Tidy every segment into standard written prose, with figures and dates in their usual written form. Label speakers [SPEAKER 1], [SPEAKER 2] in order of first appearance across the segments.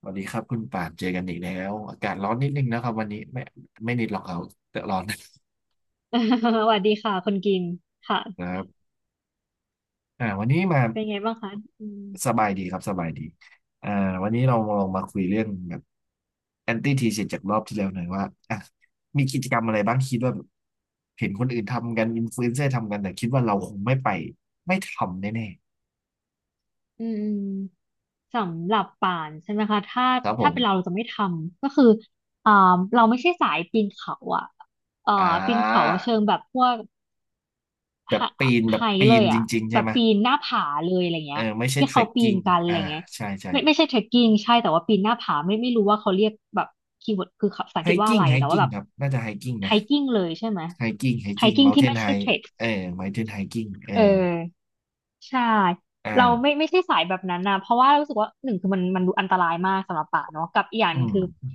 [SPEAKER 1] สวัสดีครับคุณป่านเจอกันอีกแล้วอากาศร้อนนิดนึงนะครับวันนี้ไม่ไม่นิดหรอกเอาแต่ร้อนน
[SPEAKER 2] สวัสดีค่ะคนกินค่ะ
[SPEAKER 1] ะครับวันนี้มา
[SPEAKER 2] เป็นไงบ้างคะอืม
[SPEAKER 1] สบายดีครับสบายดีอ่าวันนี้เราลองมาคุยเรื่องแบบแอนตี้ทีเจากรอบที่แล้วหน่อยว่าอ่ะมีกิจกรรมอะไรบ้างคิดว่าแบบเห็นคนอื่นทำกันอินฟลูเอนเซอร์ทำกันแต่คิดว่าเราคงไม่ไปไม่ทำแน่
[SPEAKER 2] อืมสำหรับป่านใช่ไหมคะถ้า
[SPEAKER 1] ๆครับผ
[SPEAKER 2] ถ้า
[SPEAKER 1] ม
[SPEAKER 2] เป็นเราเราจะไม่ทำก็คืออ่าเราไม่ใช่สายปีนเขาอ่ะเอ่อ
[SPEAKER 1] อ่
[SPEAKER 2] ปีนเขา
[SPEAKER 1] า
[SPEAKER 2] เชิงแบบพวก
[SPEAKER 1] แบ
[SPEAKER 2] ไฮ
[SPEAKER 1] บปีนแบ
[SPEAKER 2] ไฮ
[SPEAKER 1] บปี
[SPEAKER 2] เล
[SPEAKER 1] น
[SPEAKER 2] ย
[SPEAKER 1] จ
[SPEAKER 2] อ่ะ
[SPEAKER 1] ริงๆ
[SPEAKER 2] แบ
[SPEAKER 1] ใช่
[SPEAKER 2] บ
[SPEAKER 1] ไหม
[SPEAKER 2] ปีนหน้าผาเลยอะไร
[SPEAKER 1] เอ
[SPEAKER 2] เงี้
[SPEAKER 1] อ
[SPEAKER 2] ย
[SPEAKER 1] ไม่ใช่
[SPEAKER 2] ที่
[SPEAKER 1] เทร
[SPEAKER 2] เขา
[SPEAKER 1] ค
[SPEAKER 2] ปี
[SPEAKER 1] กิ้
[SPEAKER 2] น
[SPEAKER 1] ง
[SPEAKER 2] กันอะ
[SPEAKER 1] อ่า
[SPEAKER 2] ไรเงี้ย
[SPEAKER 1] ใช่ใช่
[SPEAKER 2] ไม่ใช่เทรคกิ้งใช่แต่ว่าปีนหน้าผาไม่รู้ว่าเขาเรียกแบบคีย์เวิร์ดคือภาษาอั
[SPEAKER 1] ไฮ
[SPEAKER 2] งกฤษว่า
[SPEAKER 1] กิ้
[SPEAKER 2] อะ
[SPEAKER 1] ง
[SPEAKER 2] ไร
[SPEAKER 1] ไฮ
[SPEAKER 2] แต่ว่า
[SPEAKER 1] กิ้ง
[SPEAKER 2] แบบ
[SPEAKER 1] ครับน่าจะไฮกิ้ง
[SPEAKER 2] ไฮ
[SPEAKER 1] นะ
[SPEAKER 2] กิ้งเลยใช่ไหม
[SPEAKER 1] ไฮกิ้งไฮ
[SPEAKER 2] ไฮ
[SPEAKER 1] กิ้ง
[SPEAKER 2] กิ้ง
[SPEAKER 1] เมาน์เท
[SPEAKER 2] ที่
[SPEAKER 1] น
[SPEAKER 2] ไม่
[SPEAKER 1] ไฮ
[SPEAKER 2] ใช่เทรค
[SPEAKER 1] เออเมาน์เทนไฮกิ้งเอ
[SPEAKER 2] เอ
[SPEAKER 1] อ
[SPEAKER 2] อ ใช่
[SPEAKER 1] อ
[SPEAKER 2] เราไม่
[SPEAKER 1] ่า
[SPEAKER 2] ไม่ใช่สายแบบนั้นนะเพราะว่ารู้สึกว่าหนึ่งคือมันดูอันตรายมากสำหรับป่าเนาะกับอีกอย่างห
[SPEAKER 1] อื
[SPEAKER 2] นึงคือ
[SPEAKER 1] ม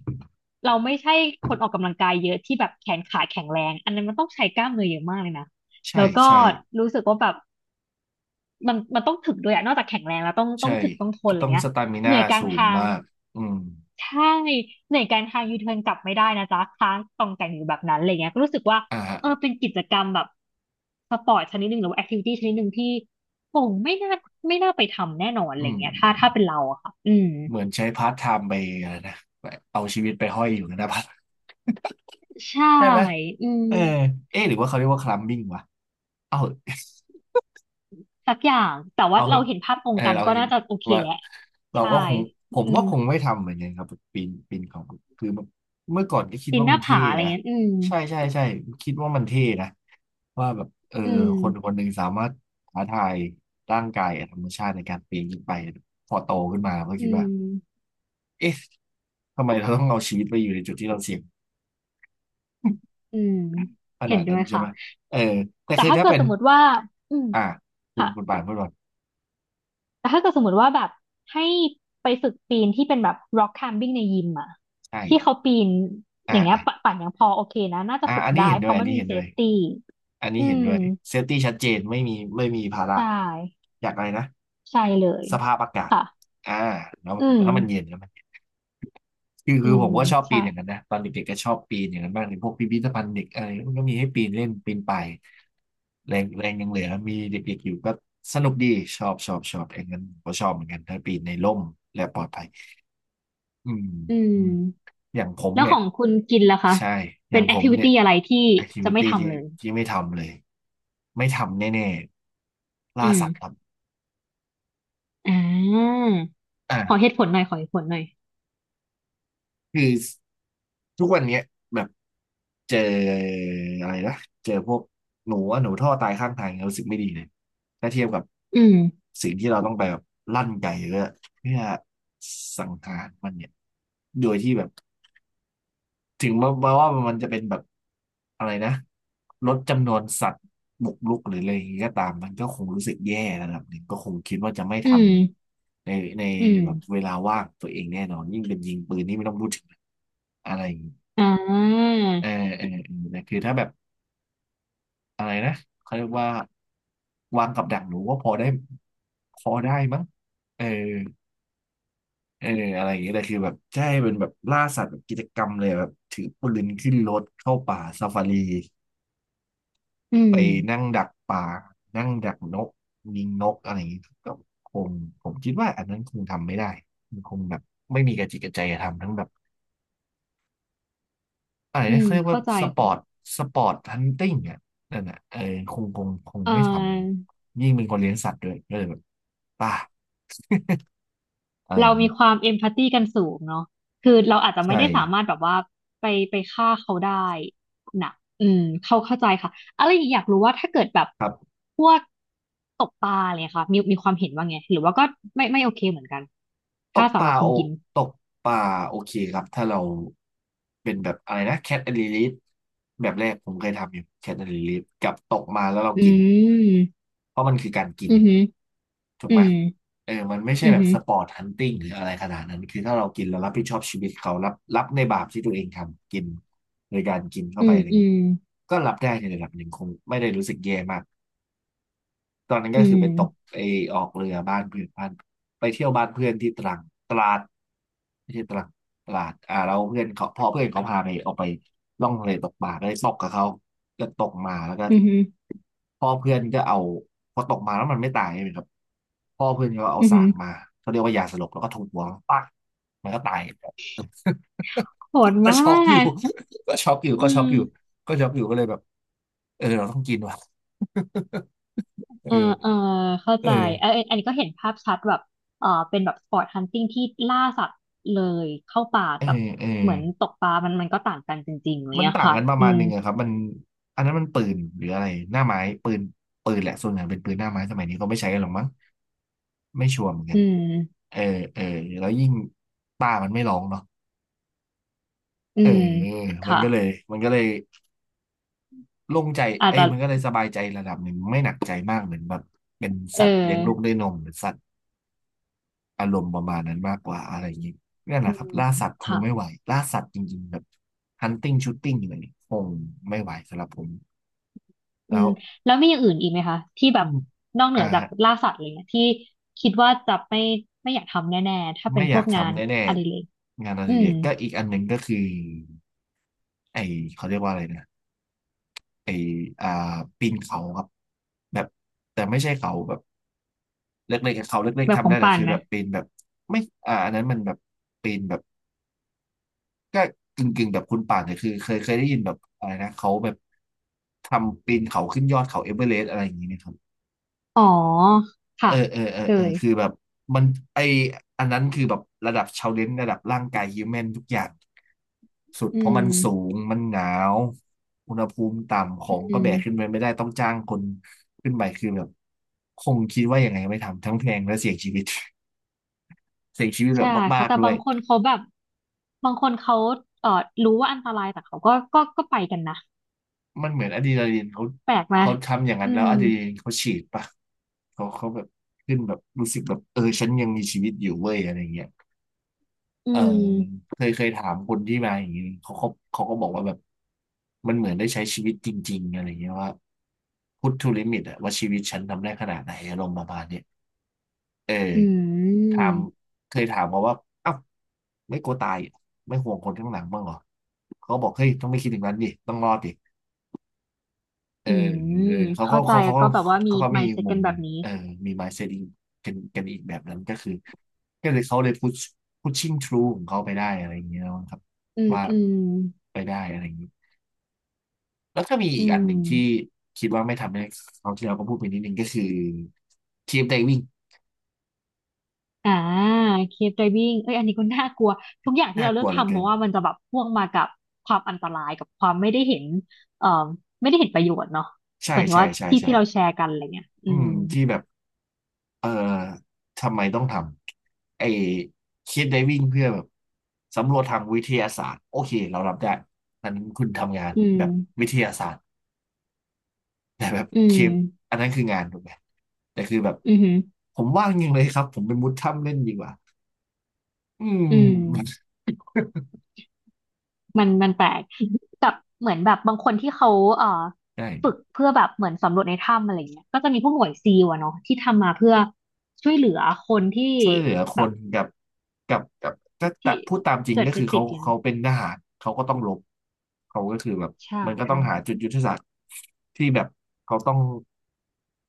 [SPEAKER 2] เราไม่ใช่คนออกกำลังกายเยอะที่แบบแขนขาแข็งแรงอันนั้นมันต้องใช้กล้ามเนื้อเยอะมากเลยนะ
[SPEAKER 1] ใช่
[SPEAKER 2] แล้วก็
[SPEAKER 1] ใช่
[SPEAKER 2] รู้สึกว่าแบบมันต้องถึกด้วยอะนอกจากแข็งแรงแล้วต้องต้อ
[SPEAKER 1] ใช่
[SPEAKER 2] งถึกต้องทนอะไร
[SPEAKER 1] ต้อง
[SPEAKER 2] เงี้
[SPEAKER 1] ส
[SPEAKER 2] ย
[SPEAKER 1] ตามิ
[SPEAKER 2] เห
[SPEAKER 1] น่า
[SPEAKER 2] นื่อยกลาง
[SPEAKER 1] สูง
[SPEAKER 2] ทาง
[SPEAKER 1] มาก อืม
[SPEAKER 2] ใช่ในการทางยูเทิร์นกลับไม่ได้นะจ๊ะค้างตองแต่งอยู่แบบนั้นอะไรเงี้ยก็รู้สึกว่า
[SPEAKER 1] อ่าฮะ
[SPEAKER 2] เออเป็นกิจกรรมแบบสปอร์ตชนิดหนึ่งหรือว่าแอคทิวิตี้ชนิดหนึ่งที่คงไม่น่าไปทำแน่นอนอะ
[SPEAKER 1] อื
[SPEAKER 2] ไร
[SPEAKER 1] ม
[SPEAKER 2] เงี้ยถ้าถ้าเป็นเราอะค่ะอืม
[SPEAKER 1] เหมือนใช้พาร์ทไทม์ไปอะไรนะ เอาชีวิตไปห้อยอยู่นะพัด
[SPEAKER 2] ใช่
[SPEAKER 1] ใช่ไหม
[SPEAKER 2] อืม
[SPEAKER 1] เออเอ๊ะหรือว่าเขาเรียกว่าคลัมบิ้งวะเอ้า
[SPEAKER 2] สักอย่างแต่ว่า
[SPEAKER 1] เอาเห
[SPEAKER 2] เรา
[SPEAKER 1] อะ
[SPEAKER 2] เห็นภาพตร
[SPEAKER 1] เอ
[SPEAKER 2] ง
[SPEAKER 1] อ
[SPEAKER 2] กัน
[SPEAKER 1] เรา
[SPEAKER 2] ก็
[SPEAKER 1] เห็น
[SPEAKER 2] น่าจะโอเค
[SPEAKER 1] ว่า
[SPEAKER 2] แหละ
[SPEAKER 1] เรา
[SPEAKER 2] ใช่
[SPEAKER 1] ก็คงผม
[SPEAKER 2] อื
[SPEAKER 1] ก็
[SPEAKER 2] ม
[SPEAKER 1] คงไม่ทำเหมือนกันครับปีนปีนเขาคือเมื่อก่อนก็คิด
[SPEAKER 2] ปีน
[SPEAKER 1] ว่า
[SPEAKER 2] ห
[SPEAKER 1] มั
[SPEAKER 2] น้า
[SPEAKER 1] นเท่
[SPEAKER 2] ผาอะไร
[SPEAKER 1] นะ
[SPEAKER 2] เงี้ย
[SPEAKER 1] ใช่ใช่ใช่คิดว่ามันเท่นะว่าแบบเออ
[SPEAKER 2] อื
[SPEAKER 1] คนค
[SPEAKER 2] ม
[SPEAKER 1] นหนึ่งสามารถท้าทายร่างกายกับธรรมชาติในการปีนขึ้นไปพอโตขึ้นมาก็คิ
[SPEAKER 2] อื
[SPEAKER 1] ดว่า
[SPEAKER 2] ม
[SPEAKER 1] เอ๊ะทำไมเราต้องเอาชีวิตไปอยู่ในจุดที่เราเสี่ยง
[SPEAKER 2] อืม
[SPEAKER 1] ข
[SPEAKER 2] เห็
[SPEAKER 1] นา
[SPEAKER 2] น
[SPEAKER 1] ด
[SPEAKER 2] ด้
[SPEAKER 1] นั้
[SPEAKER 2] ว
[SPEAKER 1] น
[SPEAKER 2] ย
[SPEAKER 1] ใช่
[SPEAKER 2] ค่ะ
[SPEAKER 1] ไหมเออแต่
[SPEAKER 2] แต่
[SPEAKER 1] คือ
[SPEAKER 2] ถ้า
[SPEAKER 1] ถ้า
[SPEAKER 2] เกิด
[SPEAKER 1] เป็น
[SPEAKER 2] สมมติว่าอืม
[SPEAKER 1] อ่าคุณ
[SPEAKER 2] ค่ะ
[SPEAKER 1] คุณป่านพูดก่อน
[SPEAKER 2] แต่ถ้าเกิดสมมติว่าแบบให้ไปฝึกปีนที่เป็นแบบ rock climbing ในยิมอะ
[SPEAKER 1] ใช่
[SPEAKER 2] ที่เขาปีน
[SPEAKER 1] อ่า
[SPEAKER 2] อย่างเงี้ย
[SPEAKER 1] อ่า
[SPEAKER 2] ปะปั่นยังพอโอเคนะน่าจะฝึก
[SPEAKER 1] อันนี้
[SPEAKER 2] ได้
[SPEAKER 1] เห็น
[SPEAKER 2] เพ
[SPEAKER 1] ด้วย
[SPEAKER 2] ราะ
[SPEAKER 1] อัน
[SPEAKER 2] มัน
[SPEAKER 1] นี้
[SPEAKER 2] มี
[SPEAKER 1] เห็นด้วย
[SPEAKER 2] safety
[SPEAKER 1] อันนี้
[SPEAKER 2] อื
[SPEAKER 1] เห็น
[SPEAKER 2] ม
[SPEAKER 1] ด้วยเซฟตี้ชัดเจนไม่มีไม่มีภาระ
[SPEAKER 2] ใช่
[SPEAKER 1] อยากอะไรนะ
[SPEAKER 2] ใช่เลย
[SPEAKER 1] สภาพอากาศ
[SPEAKER 2] ค่ะ
[SPEAKER 1] อ่าแล้ว
[SPEAKER 2] อื
[SPEAKER 1] แล้วมันเย็
[SPEAKER 2] ม
[SPEAKER 1] นแล้วมันเย็นคือ
[SPEAKER 2] อื
[SPEAKER 1] คือผ
[SPEAKER 2] ม
[SPEAKER 1] มก็ชอบปี
[SPEAKER 2] ใช่
[SPEAKER 1] นอย่างนั้นนะตอนเด็กๆก็ชอบปีนอย่างนั้นบ้างในพวกพิพิธภัณฑ์เด็กอะไรมันก็มีให้ปีนเล่นปีนไปายแรงแรงยังเหลือมีเด็กๆอยู่ก็สนุกดีชอบชอบชอบเอย่างนั้นผมก็ชอบเหมือนกันถ้าปีนในร่มและปลอดภัย อืม
[SPEAKER 2] อื
[SPEAKER 1] อืม
[SPEAKER 2] ม
[SPEAKER 1] อย่างผม
[SPEAKER 2] แล้ว
[SPEAKER 1] เนี่
[SPEAKER 2] ข
[SPEAKER 1] ย
[SPEAKER 2] องคุณกินล่ะคะ
[SPEAKER 1] ใช่อย่า
[SPEAKER 2] เป็
[SPEAKER 1] ง
[SPEAKER 2] นแอ
[SPEAKER 1] ผ
[SPEAKER 2] ค
[SPEAKER 1] ม
[SPEAKER 2] ทิวิ
[SPEAKER 1] เนี่ย
[SPEAKER 2] ตี้อะไรที่จะไม่
[SPEAKER 1] activity ที่
[SPEAKER 2] ทำเลย
[SPEAKER 1] ที่ไม่ทำเลยไม่ทำแน่ๆ
[SPEAKER 2] อื
[SPEAKER 1] ล่าสัตว์ครั
[SPEAKER 2] ม
[SPEAKER 1] บ
[SPEAKER 2] อ่าขอเห
[SPEAKER 1] อ่า
[SPEAKER 2] ตุผลหน่อยขอเหตุผลหน่อย
[SPEAKER 1] คือทุกวันเนี้ยแบบเจออะไรนะเจอพวกหนูอะหนูท่อตายข้างทางเนี่ยรู้สึกไม่ดีเลยถ้าเทียบกับ
[SPEAKER 2] อืม
[SPEAKER 1] สิ่งที่เราต้องไปแบบลั่นไก่เพื่อเพื่อสังหารมันเนี่ยโดยที่แบบ ถึงมามาว่ามันจะเป็นแบบอะไรนะลดจำนวนสัตว์บุกรุกหรืออะไรอย่างนี้ก็ตามมันก็คงรู้สึกแย่ระดับหนึ่งก็คงคิดว่าจะไม่ท
[SPEAKER 2] อืม
[SPEAKER 1] ำในใน
[SPEAKER 2] อืม
[SPEAKER 1] แบบเวลาว่างตัวเองแน่นอนยิ่งเป็นยิงปืนนี่ไม่ต้องพูดถึงอะไรอย่างงี้
[SPEAKER 2] อ่า
[SPEAKER 1] เออเออเออแต่คือถ้าแบบอะไรนะเขาเรียกว่าวางกับดักหนูก็พอได้พอได้มั้งเออเอออะไรอย่างเงี้ยแต่คือแบบใช่เป็นแบบล่าสัตว์แบบกิจกรรมเลยแบบถือปืนขึ้นรถเข้าป่าซาฟารี
[SPEAKER 2] อื
[SPEAKER 1] ไป
[SPEAKER 2] ม
[SPEAKER 1] นั่งดักปลา นั่งดักนกยิงนกอะไรอย่างนี้ก็คงผมคิดว่าอันนั้นคงทำไม่ได้มันคงแบบไม่มีกระจิตกระใจจะทำทั้งแบบอะไร
[SPEAKER 2] อื
[SPEAKER 1] นะ
[SPEAKER 2] ม
[SPEAKER 1] เขาเรียกว่า
[SPEAKER 2] เข้าใจ
[SPEAKER 1] สปอร์ต
[SPEAKER 2] ค่ะ
[SPEAKER 1] สปอร์ตฮันติงอ่ะนั่นอ่ะเออคงคงคง
[SPEAKER 2] เอ
[SPEAKER 1] ไม่ท
[SPEAKER 2] อ
[SPEAKER 1] ำยิ่งเป็นคนเลี้ยงสัตว์ด้วยก็เลยแบบป่า อะไรอ
[SPEAKER 2] เรา
[SPEAKER 1] ย่าง
[SPEAKER 2] มี
[SPEAKER 1] นี้
[SPEAKER 2] ความเอมพัตตีกันสูงเนาะคือเราอาจจะไม่
[SPEAKER 1] ใช่
[SPEAKER 2] ได้สามารถแบบว่าไปไปฆ่าเขาได้นะอืมเขาเข้าใจค่ะอะไรอีกอยากรู้ว่าถ้าเกิดแบบ
[SPEAKER 1] ครับ
[SPEAKER 2] พวกตกปลาอะไรเนี่ยค่ะมีมีความเห็นว่าไงหรือว่าก็ไม่โอเคเหมือนกัน
[SPEAKER 1] ต
[SPEAKER 2] ถ้า
[SPEAKER 1] กป
[SPEAKER 2] สำห
[SPEAKER 1] ลา
[SPEAKER 2] รับคุ
[SPEAKER 1] โอ
[SPEAKER 2] ณกิน
[SPEAKER 1] ตกปลาโอเคครับถ้าเราเป็นแบบอะไรนะแคทแอนด์ลิลแบบแรกผมเคยทำอยู่แคทแอนด์ลิลกับตกมาแล้วเรา
[SPEAKER 2] อื
[SPEAKER 1] กิน
[SPEAKER 2] ม
[SPEAKER 1] เพราะมันคือการกิน
[SPEAKER 2] อือหือ
[SPEAKER 1] ถูก
[SPEAKER 2] อื
[SPEAKER 1] ไหม
[SPEAKER 2] ม
[SPEAKER 1] เออมันไม่ใช่
[SPEAKER 2] อือ
[SPEAKER 1] แบบ
[SPEAKER 2] หือ
[SPEAKER 1] สปอร์ตฮันติ g งหรืออะไรขนาดนั้น คือถ้าเรากินเรารับผิดชอบชีวิตเขารับรับในบาปที่ตัวเองทำกินโดยการกินเข้า
[SPEAKER 2] อื
[SPEAKER 1] ไป
[SPEAKER 2] ม
[SPEAKER 1] อะไรอย่า
[SPEAKER 2] อื
[SPEAKER 1] งนี้
[SPEAKER 2] ม
[SPEAKER 1] ก็รับได้ในระดับหนึ่งคงไม่ได้รู้สึกแย่มาก ตอนนั้น
[SPEAKER 2] อื
[SPEAKER 1] ก็คือไป
[SPEAKER 2] ม
[SPEAKER 1] ตกไอออกเรือบ้านเพื่อนบ้านไปเที่ยวบ้านเพื่อนที่ตรังตราดไม่ใช่ตรังตราดเราเพื่อนเขาพอเพื่อนเขาพาไปออกไปล่องทะเลตกปลาก็เลยตกกับเขาก็ตกมาแล้วก็
[SPEAKER 2] อือหือ
[SPEAKER 1] พ่อเพื่อนก็เอาพอตกมาแล้วมันไม่ตายใช่ไหมครับพ่อเพื่อนก็เอา
[SPEAKER 2] อือ
[SPEAKER 1] สา
[SPEAKER 2] หื
[SPEAKER 1] ก
[SPEAKER 2] อ
[SPEAKER 1] มาเขาเรียกว่ายาสลบแล้วก็ทุบหัวปักมันก็ตาย
[SPEAKER 2] โหด
[SPEAKER 1] ก็
[SPEAKER 2] มา
[SPEAKER 1] ช็อกอยู่
[SPEAKER 2] ก
[SPEAKER 1] ก็ช็อกอยู่ก็
[SPEAKER 2] อื
[SPEAKER 1] ช็อกอยู่
[SPEAKER 2] ม
[SPEAKER 1] ก็ช็อกอยู่ก็เลยแบบเออเราต้องกินว่ะ
[SPEAKER 2] เออเออ
[SPEAKER 1] เออ
[SPEAKER 2] เข้า
[SPEAKER 1] เอ
[SPEAKER 2] ใจเออ
[SPEAKER 1] อ
[SPEAKER 2] อันนี้ก็เห็นภาพชัดแบบเออเป็นแบบสปอร์ตฮันติ g งที่ล่าสัตว์เลยเข้าป่า
[SPEAKER 1] เอ
[SPEAKER 2] กับ
[SPEAKER 1] อเออ
[SPEAKER 2] เหมือนตกปลามันก็ต่างกันจริงๆอะไรเล
[SPEAKER 1] มัน
[SPEAKER 2] ยอะ
[SPEAKER 1] ต่าง
[SPEAKER 2] ค่ะ
[SPEAKER 1] กันประ
[SPEAKER 2] อื
[SPEAKER 1] มาณห
[SPEAKER 2] ม
[SPEAKER 1] นึ่งอะครับมันอันนั้นมันปืนหรืออะไรหน้าไม้ปืนปืนแหละส่วนใหญ่เป็นปืนหน้าไม้สมัยนี้ก็ไม่ใช้กันหรอกมั้งไม่ชัวร์เหมือนกั
[SPEAKER 2] อื
[SPEAKER 1] น
[SPEAKER 2] ม
[SPEAKER 1] เออเออแล้วยิ่งป้ามันไม่ร้องเนาะ
[SPEAKER 2] อื
[SPEAKER 1] เออ
[SPEAKER 2] ม
[SPEAKER 1] มัน
[SPEAKER 2] ค่ะ
[SPEAKER 1] ก็เลยมันก็เลยโล่งใจ
[SPEAKER 2] อาจ
[SPEAKER 1] เอ้ย
[SPEAKER 2] จะ
[SPEAKER 1] มันก็เลยสบายใจระดับหนึ่งไม่หนักใจมากเหมือนแบบเป็น
[SPEAKER 2] เอ
[SPEAKER 1] สัตว์เลี้ยงลูกด้ว
[SPEAKER 2] อ
[SPEAKER 1] ยนมหรือสัตว์อารมณ์ประมาณนั้นมากกว่าอะไรอย่างนี้นั่นแห
[SPEAKER 2] อื
[SPEAKER 1] ละครั
[SPEAKER 2] ม
[SPEAKER 1] บล่าสัตว์คง
[SPEAKER 2] ค่ะ
[SPEAKER 1] ไม่ไหวล่าสัตว์จริงๆแบบ hunting shooting อะไรนี่คงไม่ไหวสำหรับผม
[SPEAKER 2] อื
[SPEAKER 1] แล้ว
[SPEAKER 2] มแล้วมีอย่างอื่นอีกไหมคะที่แบ
[SPEAKER 1] อื
[SPEAKER 2] บ
[SPEAKER 1] ม
[SPEAKER 2] นอกเหนื
[SPEAKER 1] อ่า
[SPEAKER 2] อจากล่าสัตว์อะไรเงี้ยที่คิดว่าจะไม่อยากทำแน่ๆถ้าเป็
[SPEAKER 1] ไม่
[SPEAKER 2] น
[SPEAKER 1] อ
[SPEAKER 2] พ
[SPEAKER 1] ยา
[SPEAKER 2] วก
[SPEAKER 1] ก
[SPEAKER 2] งาน
[SPEAKER 1] ทำแน่
[SPEAKER 2] อดิเรก
[SPEAKER 1] ๆงานอ
[SPEAKER 2] อื
[SPEAKER 1] ดิเร
[SPEAKER 2] ม
[SPEAKER 1] กก็อีกอันหนึ่งก็คือไอเขาเรียกว่าอะไรนะไออ่าปีนเขาครับแบบแต่ไม่ใช่เขาแบบเล็กๆเขาเล็ก
[SPEAKER 2] แบ
[SPEAKER 1] ๆ
[SPEAKER 2] บข
[SPEAKER 1] ทำ
[SPEAKER 2] อ
[SPEAKER 1] ได้
[SPEAKER 2] ง
[SPEAKER 1] แต่
[SPEAKER 2] ปาน
[SPEAKER 1] คือ
[SPEAKER 2] ไหม
[SPEAKER 1] แบบปีนแบบไม่อันนั้นมันแบบปีนแบบก็กึ่งๆแบบคุณป่านแต่คือเคยได้ยินแบบอะไรนะเขาแบบทำปีนเขาขึ้นยอดเขาเอเวอเรสต์อะไรอย่างนี้ไหมครับ
[SPEAKER 2] อ๋อ
[SPEAKER 1] เอ
[SPEAKER 2] ค่ะ
[SPEAKER 1] อเออเออ
[SPEAKER 2] เค
[SPEAKER 1] เออ
[SPEAKER 2] ย
[SPEAKER 1] คือแบบมันไออันนั้นคือแบบระดับชาเลนจ์ระดับร่างกายฮิวแมนทุกอย่าง สุด
[SPEAKER 2] อื
[SPEAKER 1] เพราะมั
[SPEAKER 2] ม
[SPEAKER 1] นสูงมันหนาวอุณหภูมิต่ำขอ
[SPEAKER 2] อื
[SPEAKER 1] งก็แบ
[SPEAKER 2] ม
[SPEAKER 1] กขึ้นไปไม่ได้ต้องจ้างคนขึ้นไปคือแบบคงคิดว่ายังไงไม่ทำทั้งแพงและเสี่ยงชีวิต เสี่ยงชีวิตแบ
[SPEAKER 2] ใช่
[SPEAKER 1] บมา
[SPEAKER 2] ค่ะ
[SPEAKER 1] ก
[SPEAKER 2] แต่
[SPEAKER 1] ๆด้ว
[SPEAKER 2] บา
[SPEAKER 1] ย
[SPEAKER 2] งคนเขาแบบบางคนเขาเอ่อรู้ว่าอันตรายแต่เขาก็ก็ไปกันนะ
[SPEAKER 1] มันเหมือนอะดรีนาลีนเขา
[SPEAKER 2] แปลกไหม
[SPEAKER 1] เขาทำอย่าง
[SPEAKER 2] อื
[SPEAKER 1] นั้นแล้ว
[SPEAKER 2] ม
[SPEAKER 1] อะดรีนาลีนเขาฉีดปะเขาแบบขึ้นแบบรู้สึกแบบเออฉันยังมีชีวิตอยู่เว้ยอะไรเงี้ย
[SPEAKER 2] อื
[SPEAKER 1] เออ
[SPEAKER 2] ม
[SPEAKER 1] เคยถามคนที่มาอย่างนี้เขาก็บอกว่าแบบมันเหมือนได้ใช้ชีวิตจริงๆอะไรเงี้ยว่าพุท t ูลิมิตอะว่าชีวิตฉันทำได้ขนาดไหนอารมณ์ประมาณเนี้ยเออ
[SPEAKER 2] อื
[SPEAKER 1] ถา
[SPEAKER 2] ม
[SPEAKER 1] มเคยถามเขาว่าเอ้าไม่กลัวตายเหรอไม่ห่วงคนข้างหลังบ้างเหรอเขาบอกเฮ้ยต้องไม่คิดถึงนั้นดิต้องรอดดิ เออ
[SPEAKER 2] อืม
[SPEAKER 1] เออเขาก็
[SPEAKER 2] เข้าใจ
[SPEAKER 1] เขาเขา
[SPEAKER 2] ก็แบบว่ามี
[SPEAKER 1] เขาก็มี
[SPEAKER 2] mindset
[SPEAKER 1] มุ
[SPEAKER 2] กั
[SPEAKER 1] ม
[SPEAKER 2] นแบ
[SPEAKER 1] หนึ่
[SPEAKER 2] บ
[SPEAKER 1] ง
[SPEAKER 2] นี้
[SPEAKER 1] เออมี mindset อีกกันอีกแบบนั้นก็คือก็เลยเขาเลย pushing through ของเขาไปได้อะไรอย่างเงี้ยครับ
[SPEAKER 2] อืม
[SPEAKER 1] ว่า
[SPEAKER 2] อืม
[SPEAKER 1] ไปได้อะไรอย่างนี้แล้วก็มีอี
[SPEAKER 2] อื
[SPEAKER 1] กอันหนึ่งที่
[SPEAKER 2] ม
[SPEAKER 1] คิดว่าไม่ทำให้เขาวที่เราก็พูดไปนิดนึงก็คือทีมไดวิ่ง
[SPEAKER 2] อ่าเคฟไดวิ่งเอ้ยอันนี้ก็น่ากลัวทุกอย่างที่
[SPEAKER 1] น่า
[SPEAKER 2] เรา
[SPEAKER 1] ก
[SPEAKER 2] เลื
[SPEAKER 1] ลั
[SPEAKER 2] อก
[SPEAKER 1] วเหลือ
[SPEAKER 2] ทำเพ
[SPEAKER 1] เกิน
[SPEAKER 2] ราะว่ามันจะแบบพ่วงมากับความอันตรายกับความไม่ได้เห็นเอ่อไม่ได้เห็นประโยชน์เนาะเห
[SPEAKER 1] ใช่
[SPEAKER 2] มือนถึง
[SPEAKER 1] ใช่
[SPEAKER 2] ว่า
[SPEAKER 1] ใช่
[SPEAKER 2] ที่
[SPEAKER 1] ใช่
[SPEAKER 2] ที่เราแชร์กันอะไรเงี้ย
[SPEAKER 1] อืมที่แบบ เออทำไมต้องทำไอ้คิดไดวิ่งเพื่อแบบสำรวจทางวิทยาศาสตร์โอเคเรารับได้อันนั้นคุณทำงาน
[SPEAKER 2] อืม
[SPEAKER 1] แบบวิทยาศาสตร์แต่แบบ
[SPEAKER 2] อื
[SPEAKER 1] ค
[SPEAKER 2] ม
[SPEAKER 1] ลิปอันนั้นคืองานถูกไหมแต่คือแบบ
[SPEAKER 2] อือหือ
[SPEAKER 1] ผมว่างยิงเลยครับผมเป็นมุดถ้ำเล่นดีกว่าอื
[SPEAKER 2] อืม
[SPEAKER 1] ม
[SPEAKER 2] มันแปลกกับเหมือนแบบบางคนที่เขาเอ่อ
[SPEAKER 1] ใช่
[SPEAKER 2] ฝึก เพื่อแบบเหมือนสำรวจในถ้ำอะไรเงี้ยก็จะมีพวกหน่วยซีลอะเนาะที่ทำมาเพื่อช่วยเหลือคนที่
[SPEAKER 1] ช่วยเหลือค
[SPEAKER 2] แบบ
[SPEAKER 1] นกับถ้า
[SPEAKER 2] ที่
[SPEAKER 1] พูดตามจริง
[SPEAKER 2] เกิด
[SPEAKER 1] ก็
[SPEAKER 2] ไป
[SPEAKER 1] คือ
[SPEAKER 2] ติ
[SPEAKER 1] เขา
[SPEAKER 2] ดอยู่เน
[SPEAKER 1] เขา
[SPEAKER 2] อะ
[SPEAKER 1] เป็นทหารเขาก็ต้องรบเขาก็คือแบบ
[SPEAKER 2] ใช่
[SPEAKER 1] มันก็ต้องหา
[SPEAKER 2] ค่ะ
[SPEAKER 1] จุดยุทธศาสตร์ที่แบบเขาต้อง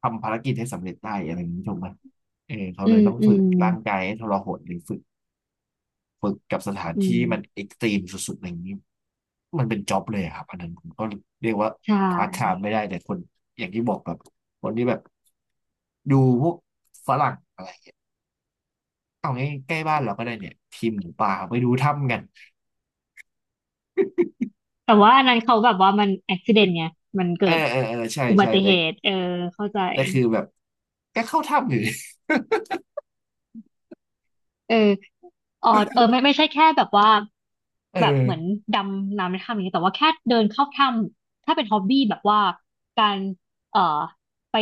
[SPEAKER 1] ทำภารกิจให้สำเร็จได้อะไรอย่างนี้ถูกไหมเออเขา
[SPEAKER 2] อื
[SPEAKER 1] เลย
[SPEAKER 2] ม
[SPEAKER 1] ต้อง
[SPEAKER 2] อื
[SPEAKER 1] ฝึก
[SPEAKER 2] ม
[SPEAKER 1] ร่างกายให้ทรหดหรือฝึกกับสถาน
[SPEAKER 2] อื
[SPEAKER 1] ที่
[SPEAKER 2] ม
[SPEAKER 1] มันเอ็กซ์ตรีมสุดๆอะไรอย่างนี้มันเป็นจ็อบเลยอะครับอันนั้นผมก็เรียกว่า
[SPEAKER 2] ใช
[SPEAKER 1] พาร์ทไท
[SPEAKER 2] ่
[SPEAKER 1] ม์ไม่ได้แต่คนอย่างที่บอกแบบคนที่แบบดูพวกฝรั่ง เอาง่ายใกล้บ้านเราก็ได้เนี่ยทีมหมูป่าไปดูถ้ำกัน
[SPEAKER 2] แต่ว่าอันนั้นเขาแบบว่ามันอุบัติเหตุไงมัน
[SPEAKER 1] เออ
[SPEAKER 2] เกิด
[SPEAKER 1] เออเออใช่
[SPEAKER 2] อุบั
[SPEAKER 1] ใช่
[SPEAKER 2] ติ
[SPEAKER 1] แต่
[SPEAKER 2] เหตุเออเข้าใจ
[SPEAKER 1] แต่คือแบบก็เข้าถ้ำอยู่
[SPEAKER 2] เออ อ๋อเออไม่ใช่แค่แบบว่า
[SPEAKER 1] เอ
[SPEAKER 2] แบบเหมือน
[SPEAKER 1] อ
[SPEAKER 2] ดำน้ำในถ้ำอย่างนี้ยแต่ว่าแค่เดินเข้าถ้ำถ้าเป็นฮอบบี้แบบว่าการเอ่อไป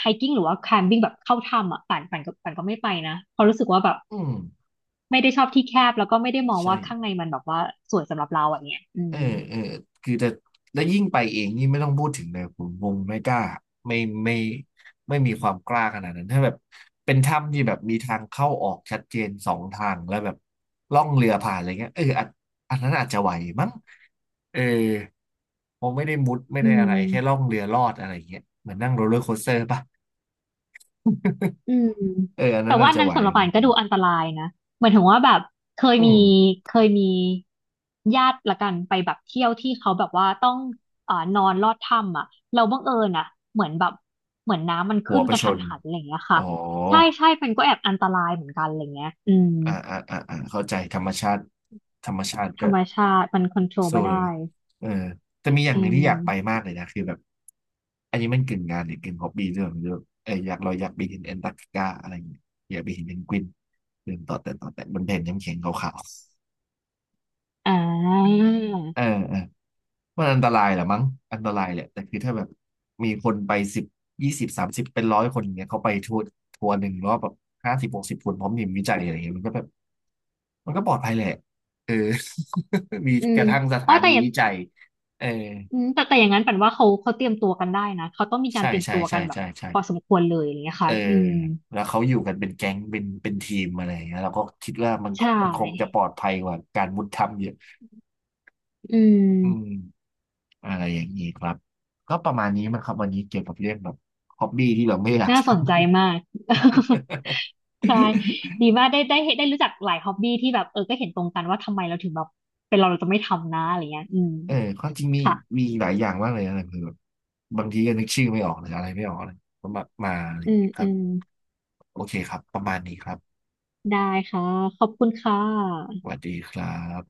[SPEAKER 2] ไฮกิ้งหรือว่าแคมปิ้งแบบเข้าถ้ำอ่ะป่านป่านก็ไม่ไปนะเพราะรู้สึกว่าแบบ
[SPEAKER 1] อืม
[SPEAKER 2] ไม่ได้ชอบที่แคบแล้วก็ไม่ได้มอง
[SPEAKER 1] ใช่
[SPEAKER 2] ว่าข้างในมันแบบว่าสวยสำหรับเราอ่ะเนี่ยอื
[SPEAKER 1] เออ
[SPEAKER 2] ม
[SPEAKER 1] เออคือแต่แล้วยิ่งไปเองนี่ไม่ต้องพูดถึงเลยผมคงไม่กล้าไม่ไม่ไม่มีความกล้าขนาดนั้นถ้าแบบเป็นถ้ำที่แบบมีทางเข้าออกชัดเจนสองทางแล้วแบบล่องเรือผ่านอะไรเงี้ยเอออันนั้นอาจจะไหวมั้งเออผมไม่ได้มุดไม่
[SPEAKER 2] อื
[SPEAKER 1] ได้อะไรแค่ล่อ
[SPEAKER 2] ม
[SPEAKER 1] งเรือลอดอะไรเงี้ยเหมือนนั่งโรลเลอร์โคสเตอร์ปะ
[SPEAKER 2] อืม
[SPEAKER 1] เอออัน
[SPEAKER 2] แต่
[SPEAKER 1] นั้น
[SPEAKER 2] ว่า
[SPEAKER 1] อาจ
[SPEAKER 2] อัน
[SPEAKER 1] จะ
[SPEAKER 2] นั้
[SPEAKER 1] ไห
[SPEAKER 2] น
[SPEAKER 1] ว
[SPEAKER 2] สำหรับป่านก็ดูอันตรายนะเหมือนถึงว่าแบบเคย
[SPEAKER 1] อื
[SPEAKER 2] มี
[SPEAKER 1] ม
[SPEAKER 2] เคยมีญาติละกันไปแบบเที่ยวที่เขาแบบว่าต้องนอนลอดถ้ำอ่ะเราบังเอิญอ่ะเหมือนแบบเหมือนน้ำมัน
[SPEAKER 1] หัว
[SPEAKER 2] ขึ้น
[SPEAKER 1] ไป
[SPEAKER 2] กระ
[SPEAKER 1] ช
[SPEAKER 2] ทัน
[SPEAKER 1] น
[SPEAKER 2] หันอะไรอย่างเงี้ย
[SPEAKER 1] อ๋
[SPEAKER 2] ค่ะ
[SPEAKER 1] อ
[SPEAKER 2] ใช่ใช่มันก็แอบอันตรายเหมือนกันอะไรเงี้ยอืม
[SPEAKER 1] อ่าอ่าอ่าอ่าเข้าใจธรรมชาติ
[SPEAKER 2] ธ
[SPEAKER 1] ก็
[SPEAKER 2] รรมชาติมันคอนโทรล
[SPEAKER 1] สู้
[SPEAKER 2] ไม่
[SPEAKER 1] เลย
[SPEAKER 2] ได้
[SPEAKER 1] นะเออแต่มีอย่าง
[SPEAKER 2] อื
[SPEAKER 1] หนึ่งที่อยากไป
[SPEAKER 2] ม
[SPEAKER 1] มากเลยนะคือแบบอันนี้มันกึ่งงานหรือกึ่งฮอบบี้ด้วยไม่รู้เอออยากเราอยากไปเห็นแอนตาร์กติกาอะไรอย่างเงี้ยอยากไปเห็นเพนกวินเดินต่อแต่บนแผ่นน้ำแข็งขาว
[SPEAKER 2] อ่า
[SPEAKER 1] ๆเออเออ มันอันตรายแหละมั้งอันตรายแหละแต่คือถ้าแบบมีคนไปสิบ2030เป็น100คนอย่างเงี้ยเขาไปทัวร์หนึ่งรอบแบบ5060คนพร้อมทีมวิจัยอะไรเงี้ยมันก็แบบมันก็ปลอดภัยแหละเออ มี
[SPEAKER 2] อื
[SPEAKER 1] ก
[SPEAKER 2] ม
[SPEAKER 1] ระทั่งส
[SPEAKER 2] อ๋
[SPEAKER 1] ถา
[SPEAKER 2] อ
[SPEAKER 1] นี
[SPEAKER 2] แต่
[SPEAKER 1] วิจัยเออ
[SPEAKER 2] อืมแต่อย่างนั้นปันว่าเขาเตรียมตัวกันได้นะเขาต้องมีการ
[SPEAKER 1] ใช่
[SPEAKER 2] เตรียม
[SPEAKER 1] ใช่
[SPEAKER 2] ตัว
[SPEAKER 1] ใช่
[SPEAKER 2] กันแบบ
[SPEAKER 1] ใช่ใช่
[SPEAKER 2] พอสมควรเลยอย่างเงี้ย
[SPEAKER 1] เอ
[SPEAKER 2] ค่ะ
[SPEAKER 1] อ
[SPEAKER 2] อืม
[SPEAKER 1] แล้วเขาอยู่กันเป็นแก๊งเป็นทีมอะไรอย่างเงี้ยเราก็คิดว่ามัน
[SPEAKER 2] ใช่
[SPEAKER 1] มันคงจะปลอดภัยกว่าการมุดถ้ำเยอะ
[SPEAKER 2] อื
[SPEAKER 1] อืม
[SPEAKER 2] ม
[SPEAKER 1] อะไรอย่างนี้ครับก็ประมาณนี้มั้งครับวันนี้เกี่ยวกับเรื่องแบบฮอบบี้ที่เราไม่อยาก
[SPEAKER 2] น่า
[SPEAKER 1] ท
[SPEAKER 2] สนใจมาก
[SPEAKER 1] ำ
[SPEAKER 2] ใช่ดีมากได้รู้จักหลายฮ็อบบี้ที่แบบเออก็เห็นตรงกันว่าทำไมเราถึงแบบเป็นเราจะไม่ทำนะอะไรเงี้ยอืม
[SPEAKER 1] เออความจริงมี
[SPEAKER 2] ค่ะ
[SPEAKER 1] มีหลายอย่างมากเลยนะคือแบบบางทีก็นึกชื่อไม่ออกหรืออะไรไม่ออกเลยก็มาอะไรอ
[SPEAKER 2] อื
[SPEAKER 1] ย่าง
[SPEAKER 2] ม
[SPEAKER 1] เงี้ยค
[SPEAKER 2] อื
[SPEAKER 1] รับ
[SPEAKER 2] ม
[SPEAKER 1] โอเคครับประมาณนี้ครับ
[SPEAKER 2] ได้ค่ะขอบคุณค่
[SPEAKER 1] ส
[SPEAKER 2] ะ
[SPEAKER 1] วัสดีครับ